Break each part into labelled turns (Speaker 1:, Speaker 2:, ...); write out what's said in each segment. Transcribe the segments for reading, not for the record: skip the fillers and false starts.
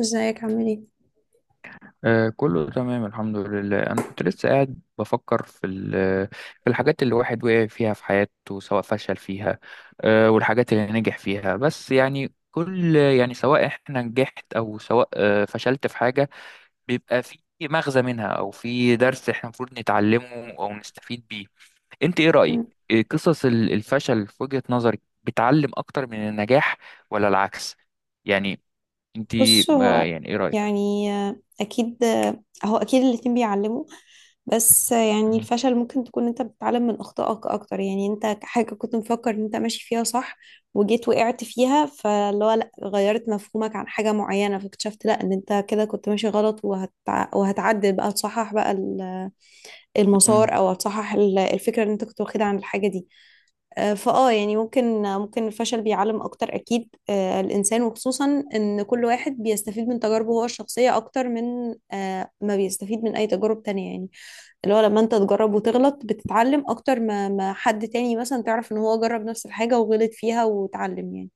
Speaker 1: ازيك عامل ايه؟
Speaker 2: كله تمام الحمد لله، انا كنت لسه قاعد بفكر في في الحاجات اللي الواحد وقع فيها في حياته، سواء فشل فيها والحاجات اللي نجح فيها. بس يعني كل يعني سواء احنا نجحت او سواء فشلت في حاجة، بيبقى في مغزى منها او في درس احنا المفروض نتعلمه او نستفيد بيه. انت ايه رأيك؟
Speaker 1: مم.
Speaker 2: إيه قصص الفشل في وجهة نظرك، بتعلم اكتر من النجاح ولا العكس؟ يعني انت
Speaker 1: بص، هو
Speaker 2: يعني ايه رأيك؟
Speaker 1: يعني اكيد، هو اكيد الاتنين بيعلموا. بس يعني الفشل ممكن تكون انت بتتعلم من اخطائك اكتر، يعني انت حاجة كنت مفكر ان انت ماشي فيها صح وجيت وقعت فيها، فاللي هو لا، غيرت مفهومك عن حاجة معينة فاكتشفت لا ان انت كده كنت ماشي غلط، وهتعدل بقى، تصحح بقى
Speaker 2: مم.
Speaker 1: المسار، او هتصحح الفكرة اللي انت كنت واخدها عن الحاجة دي. آه، فاه يعني ممكن الفشل بيعلم اكتر اكيد، الانسان، وخصوصا ان كل واحد بيستفيد من تجاربه هو الشخصيه اكتر من ما بيستفيد من اي تجارب تانية يعني. اللي هو لما انت تجرب وتغلط بتتعلم اكتر ما حد تاني مثلا تعرف ان هو جرب نفس الحاجه وغلط فيها وتعلم يعني.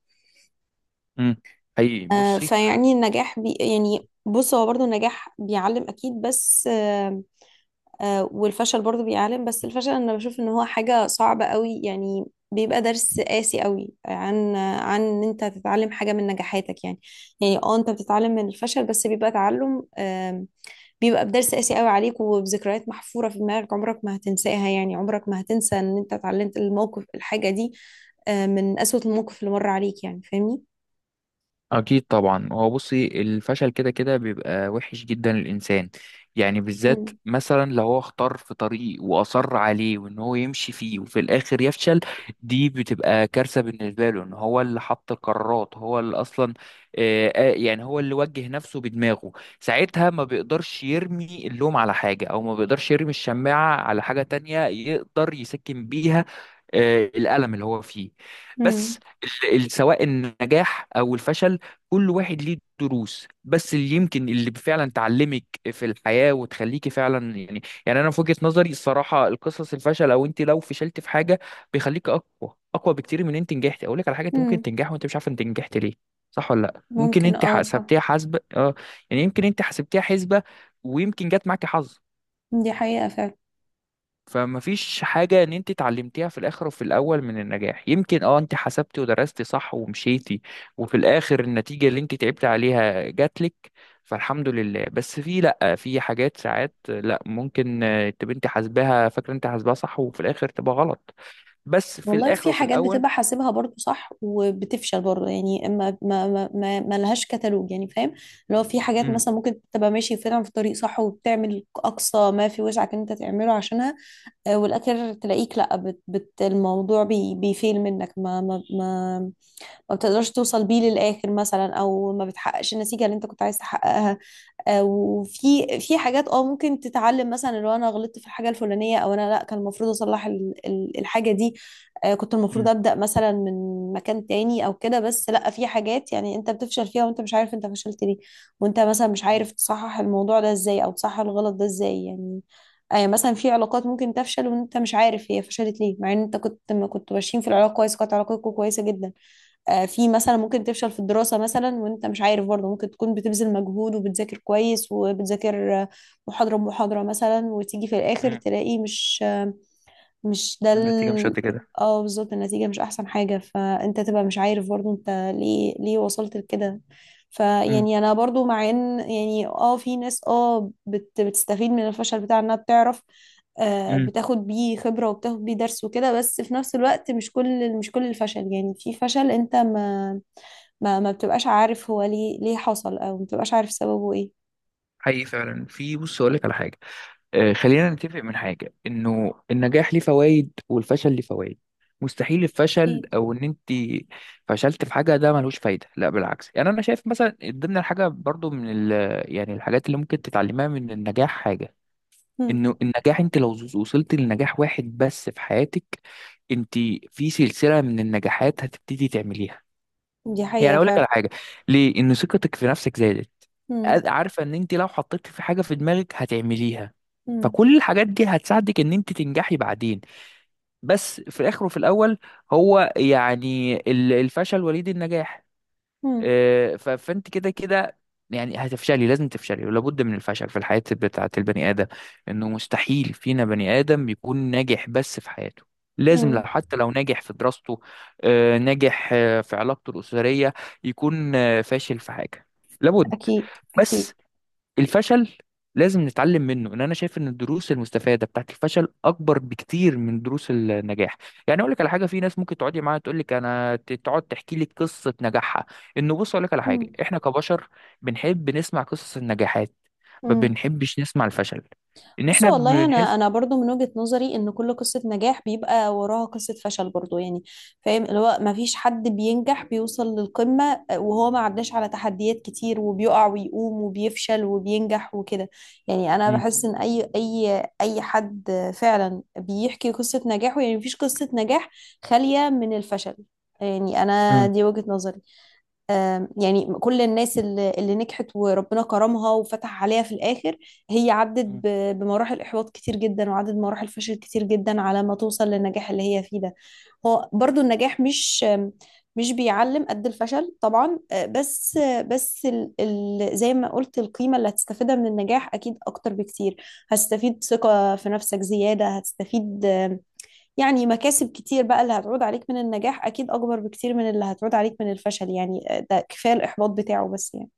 Speaker 2: امم حقيقي
Speaker 1: آه،
Speaker 2: بصي.
Speaker 1: فيعني النجاح بي يعني بص هو برضو النجاح بيعلم اكيد، بس والفشل برضو بيعلم، بس الفشل انا بشوف ان هو حاجة صعبة قوي يعني. بيبقى درس قاسي قوي عن ان انت تتعلم حاجة من نجاحاتك يعني. يعني اه انت بتتعلم من الفشل بس بيبقى تعلم، بيبقى بدرس قاسي قوي عليك، وبذكريات محفورة في دماغك عمرك ما هتنساها، يعني عمرك ما هتنسى ان انت اتعلمت الموقف الحاجة دي. من أسوأ الموقف اللي مر عليك، يعني فاهمني.
Speaker 2: أكيد طبعا، هو بصي الفشل كده كده بيبقى وحش جدا للإنسان. يعني بالذات
Speaker 1: مم.
Speaker 2: مثلا لو هو اختار في طريق وأصر عليه وإن هو يمشي فيه وفي الآخر يفشل، دي بتبقى كارثة بالنسبة له، إن هو اللي حط القرارات، هو اللي أصلا يعني هو اللي وجه نفسه بدماغه. ساعتها ما بيقدرش يرمي اللوم على حاجة، أو ما بيقدرش يرمي الشماعة على حاجة تانية يقدر يسكن بيها الألم اللي هو فيه. بس
Speaker 1: مم.
Speaker 2: سواء النجاح أو الفشل، كل واحد ليه دروس. بس اللي يمكن اللي فعلا تعلمك في الحياة وتخليكي فعلا، يعني انا في وجهة نظري الصراحة، القصص الفشل، او انت لو فشلت في حاجة بيخليك اقوى اقوى بكتير من انت نجحت. اقول لك على حاجة، انت ممكن
Speaker 1: مم.
Speaker 2: تنجح وانت مش عارف انت نجحت ليه. صح ولا لا؟ ممكن
Speaker 1: ممكن،
Speaker 2: انت
Speaker 1: اه صح.
Speaker 2: حسبتيها حسبة اه، يعني يمكن انت حسبتيها حسبة، ويمكن جت معاكي حظ.
Speaker 1: دي حقيقة فعلا.
Speaker 2: فما فيش حاجة ان انت اتعلمتيها في الاخر وفي الاول من النجاح. يمكن انت حسبتي ودرستي صح ومشيتي، وفي الاخر النتيجة اللي انت تعبتي عليها جاتلك، فالحمد لله. بس في، لا، في حاجات ساعات لا ممكن تبقى انت حاسباها، فاكرة انت حاسباها صح، وفي الاخر تبقى غلط. بس في
Speaker 1: والله
Speaker 2: الاخر
Speaker 1: في
Speaker 2: وفي
Speaker 1: حاجات
Speaker 2: الاول.
Speaker 1: بتبقى حاسبها برضو صح وبتفشل برضو، يعني ما لهاش كتالوج يعني، فاهم. لو في حاجات
Speaker 2: امم.
Speaker 1: مثلا ممكن تبقى ماشي فعلا في طريق صح وبتعمل اقصى ما في وسعك ان انت تعمله عشانها، والاخر تلاقيك لا، بت بت الموضوع بيفيل منك، ما بتقدرش توصل بيه للآخر مثلا، أو ما بتحققش النتيجة اللي أنت كنت عايز تحققها. وفي حاجات اه ممكن تتعلم، مثلا لو أنا غلطت في الحاجة الفلانية، أو أنا لأ، كان المفروض أصلح الحاجة دي. كنت المفروض
Speaker 2: امم.
Speaker 1: أبدأ مثلا من مكان تاني أو كده، بس لأ، في حاجات يعني أنت بتفشل فيها وأنت مش عارف أنت فشلت ليه. وأنت مثلا مش عارف تصحح الموضوع ده إزاي، أو تصحح الغلط ده إزاي يعني. يعني مثلا في علاقات ممكن تفشل وانت مش عارف هي فشلت ليه، مع ان انت كنت ما كنت ماشيين في العلاقه كويس، كانت علاقتكم كويسه جدا. في مثلا ممكن تفشل في الدراسة مثلا وانت مش عارف برضه، ممكن تكون بتبذل مجهود وبتذاكر كويس وبتذاكر، محاضرة بمحاضرة مثلا، وتيجي في الآخر
Speaker 2: امم.
Speaker 1: تلاقي مش مش ده
Speaker 2: النتيجة مش قد
Speaker 1: ال...
Speaker 2: كده.
Speaker 1: اه بالظبط، النتيجة مش أحسن حاجة، فأنت تبقى مش عارف برضو أنت ليه وصلت لكده.
Speaker 2: امم.
Speaker 1: فيعني أنا برضو، مع إن يعني اه في ناس اه بتستفيد من الفشل، بتاع إنها بتعرف، آه
Speaker 2: امم.
Speaker 1: بتاخد بيه خبرة وبتاخد بيه درس وكده. بس في نفس الوقت مش كل الفشل، يعني في فشل أنت ما بتبقاش عارف هو ليه حصل، أو ما بتبقاش عارف سببه إيه.
Speaker 2: حقيقي فعلا. في بص اقول لك على حاجة، خلينا نتفق من حاجة، انه النجاح ليه فوائد والفشل ليه فوائد. مستحيل الفشل
Speaker 1: أكيد.
Speaker 2: او ان انت فشلت في حاجة ده ملوش فايدة، لا بالعكس. يعني انا شايف مثلا ضمن الحاجة برضو من يعني الحاجات اللي ممكن تتعلمها من النجاح حاجة،
Speaker 1: مم.
Speaker 2: انه النجاح انت لو وصلت لنجاح واحد بس في حياتك، انت في سلسلة من النجاحات هتبتدي تعمليها.
Speaker 1: دي
Speaker 2: يعني
Speaker 1: حقيقة
Speaker 2: اقول لك على
Speaker 1: فعلا.
Speaker 2: حاجة، ليه؟ ان ثقتك في نفسك زادت،
Speaker 1: مم.
Speaker 2: عارفه ان انت لو حطيت في حاجه في دماغك هتعمليها،
Speaker 1: مم.
Speaker 2: فكل الحاجات دي هتساعدك ان انت تنجحي بعدين. بس في الاخر وفي الاول، هو يعني الفشل وليد النجاح.
Speaker 1: مم.
Speaker 2: فانت كده كده يعني هتفشلي، لازم تفشلي، ولا بد من الفشل في الحياة بتاعة البني آدم. انه مستحيل فينا بني آدم بيكون ناجح بس في حياته. لازم، لو
Speaker 1: مم.
Speaker 2: حتى لو ناجح في دراسته، ناجح في علاقته الأسرية، يكون فاشل في حاجة. لابد.
Speaker 1: أكيد. أكيد.
Speaker 2: بس الفشل لازم نتعلم منه. ان انا شايف ان الدروس المستفاده بتاعت الفشل اكبر بكتير من دروس النجاح. يعني اقول لك على حاجه، في ناس ممكن تقعدي معاها تقول لك انا تقعد تحكي لي قصه نجاحها، انه بص اقول لك على حاجه
Speaker 1: مم.
Speaker 2: احنا كبشر بنحب نسمع قصص النجاحات، ما
Speaker 1: مم.
Speaker 2: بنحبش نسمع الفشل، ان
Speaker 1: بصوا،
Speaker 2: احنا
Speaker 1: والله انا
Speaker 2: بنحس.
Speaker 1: انا برضو من وجهة نظري ان كل قصة نجاح بيبقى وراها قصة فشل برضو يعني، فاهم. اللي هو ما فيش حد بينجح بيوصل للقمة وهو ما عداش على تحديات كتير، وبيقع ويقوم وبيفشل وبينجح وكده. يعني انا
Speaker 2: مم.
Speaker 1: بحس ان اي حد فعلا بيحكي قصة نجاحه، يعني مفيش قصة نجاح خالية من الفشل، يعني انا دي وجهة نظري. يعني كل الناس اللي نجحت وربنا كرمها وفتح عليها في الآخر، هي عدت
Speaker 2: مم.
Speaker 1: بمراحل إحباط كتير جدا، وعدت بمراحل فشل كتير جدا على ما توصل للنجاح اللي هي فيه ده. هو برضو النجاح مش، مش بيعلم قد الفشل طبعا، آه، بس آه، بس ال ال زي ما قلت، القيمة اللي هتستفيدها من النجاح أكيد أكتر بكتير. هتستفيد ثقة في نفسك زيادة، هتستفيد، يعني مكاسب كتير بقى اللي هتعود عليك من النجاح، أكيد أكبر بكتير من اللي هتعود عليك من الفشل يعني. ده كفاية الإحباط بتاعه بس يعني.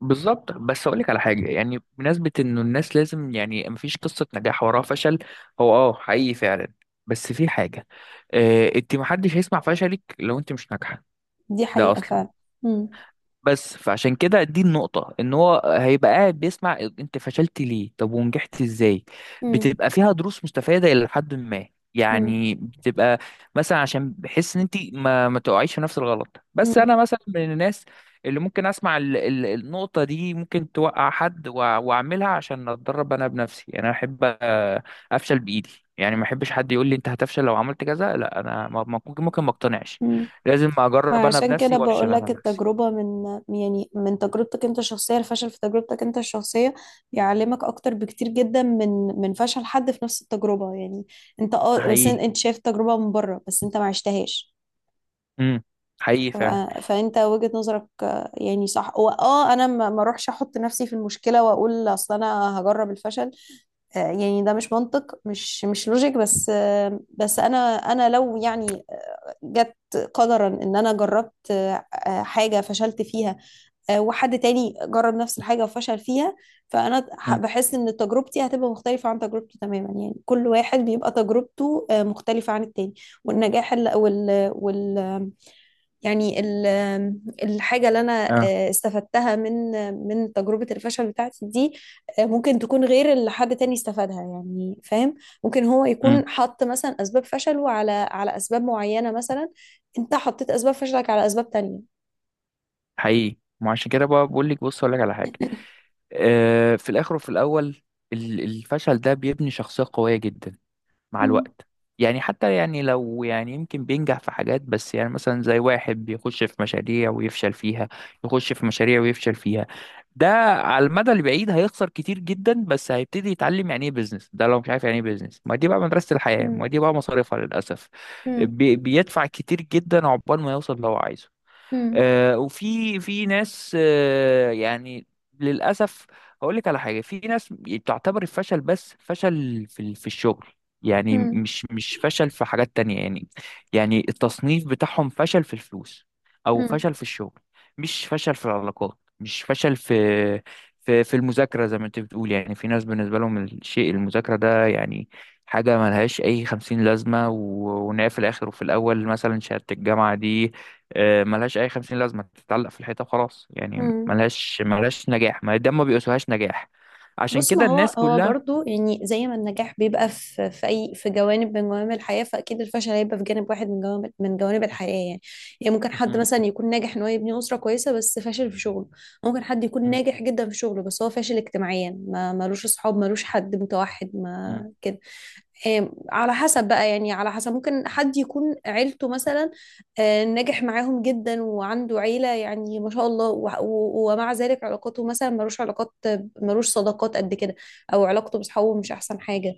Speaker 2: بالظبط. بس اقول لك على حاجه، يعني بمناسبه انه الناس لازم يعني مفيش قصه نجاح وراها فشل، هو حقيقي فعلا. بس في حاجه، انت محدش هيسمع فشلك لو انت مش ناجحه
Speaker 1: دي
Speaker 2: ده
Speaker 1: حقيقة
Speaker 2: اصلا.
Speaker 1: فعلا. مم.
Speaker 2: بس فعشان كده دي النقطة، ان هو هيبقى قاعد بيسمع انت فشلت ليه طب ونجحت ازاي،
Speaker 1: مم.
Speaker 2: بتبقى فيها دروس مستفادة الى حد ما.
Speaker 1: مم.
Speaker 2: يعني بتبقى مثلا عشان بحس ان انت ما تقعيش في نفس الغلط. بس
Speaker 1: مم.
Speaker 2: انا مثلا من الناس اللي ممكن اسمع ال النقطة دي، ممكن توقع حد واعملها عشان اتدرب انا بنفسي. يعني انا احب افشل بايدي. يعني ما احبش حد يقول لي انت هتفشل لو عملت كذا، لا انا ممكن ما اقتنعش.
Speaker 1: مم.
Speaker 2: لازم
Speaker 1: ما
Speaker 2: اجرب انا
Speaker 1: عشان كده
Speaker 2: بنفسي وافشل
Speaker 1: بقول
Speaker 2: انا
Speaker 1: لك،
Speaker 2: بنفسي.
Speaker 1: التجربة من، يعني من تجربتك أنت الشخصية، الفشل في تجربتك أنت الشخصية بيعلمك أكتر بكتير جدا من، من فشل حد في نفس التجربة يعني. أنت أه، بس
Speaker 2: حقيقي.
Speaker 1: أنت شايف التجربة من بره، بس أنت ما عشتهاش.
Speaker 2: امم. حقيقي فعلا.
Speaker 1: فانت وجهة نظرك يعني صح، واه انا ما اروحش احط نفسي في المشكلة واقول اصل انا هجرب الفشل. يعني ده مش منطق، مش لوجيك. بس بس انا لو يعني جت قدرا ان انا جربت، حاجه فشلت فيها، وحد تاني جرب نفس الحاجه وفشل فيها، فانا
Speaker 2: امم.
Speaker 1: بحس ان تجربتي هتبقى مختلفه عن تجربته تماما. يعني كل واحد بيبقى تجربته مختلفه عن التاني. والنجاح ال- وال وال يعني ال- الحاجة اللي أنا
Speaker 2: اه.
Speaker 1: استفدتها من، من تجربة الفشل بتاعتي دي، ممكن تكون غير اللي حد تاني استفادها، يعني فاهم. ممكن هو
Speaker 2: امم.
Speaker 1: يكون حط مثلا أسباب فشله على أسباب معينة مثلا، أنت حطيت أسباب فشلك على أسباب تانية.
Speaker 2: حقيقي. ما عشان كده بقى بقول لك، بص اقول لك على حاجه، في الاخر وفي الاول الفشل ده بيبني شخصيه قويه جدا مع
Speaker 1: مم.
Speaker 2: الوقت. يعني حتى يعني لو يعني يمكن بينجح في حاجات، بس يعني مثلا زي واحد بيخش في مشاريع ويفشل فيها، يخش في مشاريع ويفشل فيها. ده على المدى البعيد هيخسر كتير جدا، بس هيبتدي يتعلم يعني ايه بيزنس ده لو مش عارف يعني ايه بيزنس. ما دي بقى مدرسة الحياة، ما
Speaker 1: مم.
Speaker 2: دي بقى مصاريفها للأسف.
Speaker 1: مم.
Speaker 2: بيدفع كتير جدا عقبال ما يوصل اللي هو عايزه.
Speaker 1: مم.
Speaker 2: وفي ناس يعني للأسف، هقول لك على حاجة، في ناس بتعتبر الفشل بس فشل في في الشغل. يعني مش فشل في حاجات تانية. يعني التصنيف بتاعهم فشل في الفلوس أو
Speaker 1: مم.
Speaker 2: فشل في الشغل. مش فشل في العلاقات، مش فشل في في المذاكرة. زي ما أنت بتقول، يعني في ناس بالنسبة لهم الشيء المذاكرة ده يعني حاجة ملهاش أي خمسين لازمة، وإن هي في الآخر وفي الأول مثلا شهادة الجامعة دي ملهاش اي 50 لازمه، تتعلق في الحيطه وخلاص. يعني
Speaker 1: مم.
Speaker 2: ملهاش، نجاح. ما ده ما بيقاسوهاش نجاح عشان
Speaker 1: بص، ما
Speaker 2: كده
Speaker 1: هو
Speaker 2: الناس كلها.
Speaker 1: برضو يعني زي ما النجاح بيبقى في في اي في جوانب من جوانب الحياه، فاكيد الفشل هيبقى في جانب واحد من جوانب الحياه يعني. يعني ممكن حد
Speaker 2: مم.
Speaker 1: مثلا يكون ناجح ان هو يبني اسره كويسه بس فاشل في شغله، ممكن حد يكون
Speaker 2: مم.
Speaker 1: ناجح جدا في شغله بس هو فاشل اجتماعيا، ما ملوش اصحاب، ملوش حد، متوحد ما
Speaker 2: مم.
Speaker 1: كده. على حسب بقى، يعني على حسب، ممكن حد يكون عيلته مثلا، ناجح معاهم جدا وعنده عيلة يعني ما شاء الله، ومع ذلك علاقاته مثلا ملوش علاقات، ملوش صداقات قد كده، أو علاقته بأصحابه مش أحسن حاجة،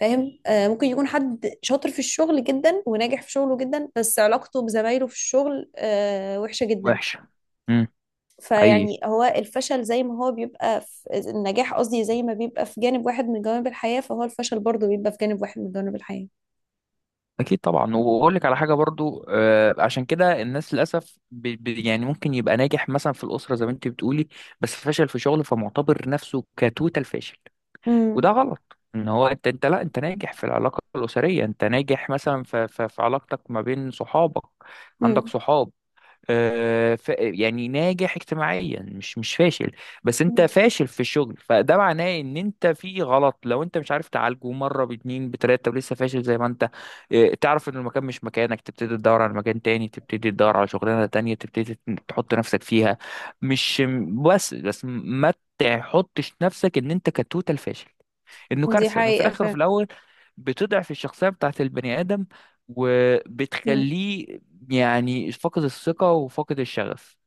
Speaker 1: فاهم. ممكن يكون حد شاطر في الشغل جدا وناجح في شغله جدا، بس علاقته بزمايله في الشغل وحشة جدا.
Speaker 2: وحشه. مم. حقيقي.
Speaker 1: فيعني هو الفشل زي ما هو بيبقى في النجاح، قصدي زي ما بيبقى في جانب واحد من جوانب الحياة، فهو الفشل برضه بيبقى في جانب واحد من جوانب الحياة.
Speaker 2: اكيد طبعا، واقول لك على حاجه برضو، عشان كده الناس للاسف، يعني ممكن يبقى ناجح مثلا في الاسره زي ما انت بتقولي، بس فشل في شغله، فمعتبر نفسه كتوتال فاشل.
Speaker 1: امم.
Speaker 2: وده غلط، ان هو انت لا انت ناجح في العلاقه الاسريه، انت ناجح مثلا في علاقتك ما بين صحابك. عندك
Speaker 1: امم.
Speaker 2: صحاب، يعني ناجح اجتماعيا، مش فاشل. بس انت فاشل في الشغل، فده معناه ان انت في غلط. لو انت مش عارف تعالجه مره باتنين بتلاته ولسه فاشل زي ما انت تعرف ان المكان مش مكانك، تبتدي تدور على مكان تاني، تبتدي تدور على شغلانه تانية، تبتدي تحط نفسك فيها. مش بس ما تحطش نفسك ان انت كتوتال فاشل. انه
Speaker 1: دي
Speaker 2: كارثه، انه في
Speaker 1: حقيقة
Speaker 2: الاخر وفي
Speaker 1: فعلا.
Speaker 2: الاول بتضعف الشخصيه بتاعت البني ادم،
Speaker 1: امم.
Speaker 2: وبتخليه يعني فاقد الثقه وفاقد الشغف.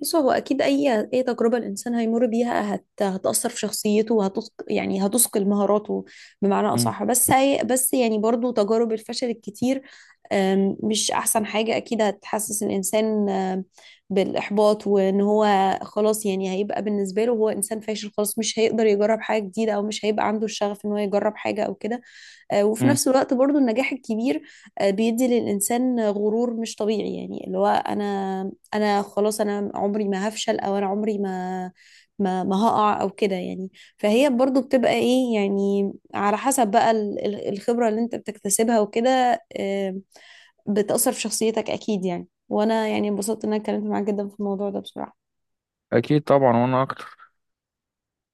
Speaker 1: بص، هو أكيد أي تجربة الإنسان هيمر بيها هتأثر في شخصيته، وهتثق يعني هتثقل مهاراته بمعنى
Speaker 2: مم.
Speaker 1: أصح. بس يعني برضو تجارب الفشل الكتير، مش أحسن حاجة أكيد، هتحسس الإنسان بالإحباط، وإن هو خلاص يعني هيبقى بالنسبة له هو إنسان فاشل خلاص، مش هيقدر يجرب حاجة جديدة، أو مش هيبقى عنده الشغف إن هو يجرب حاجة أو كده. وفي
Speaker 2: مم.
Speaker 1: نفس الوقت برضو النجاح الكبير بيدي للإنسان غرور مش طبيعي، يعني اللي هو أنا خلاص، أنا عمري ما هفشل، أو أنا عمري ما هقع أو كده يعني. فهي برضو بتبقى إيه، يعني على حسب بقى الخبرة اللي أنت بتكتسبها وكده، بتأثر في شخصيتك أكيد يعني. وأنا يعني انبسطت إن أنا اتكلمت معاك جدا في الموضوع ده بصراحة.
Speaker 2: اكيد طبعا، وانا اكتر.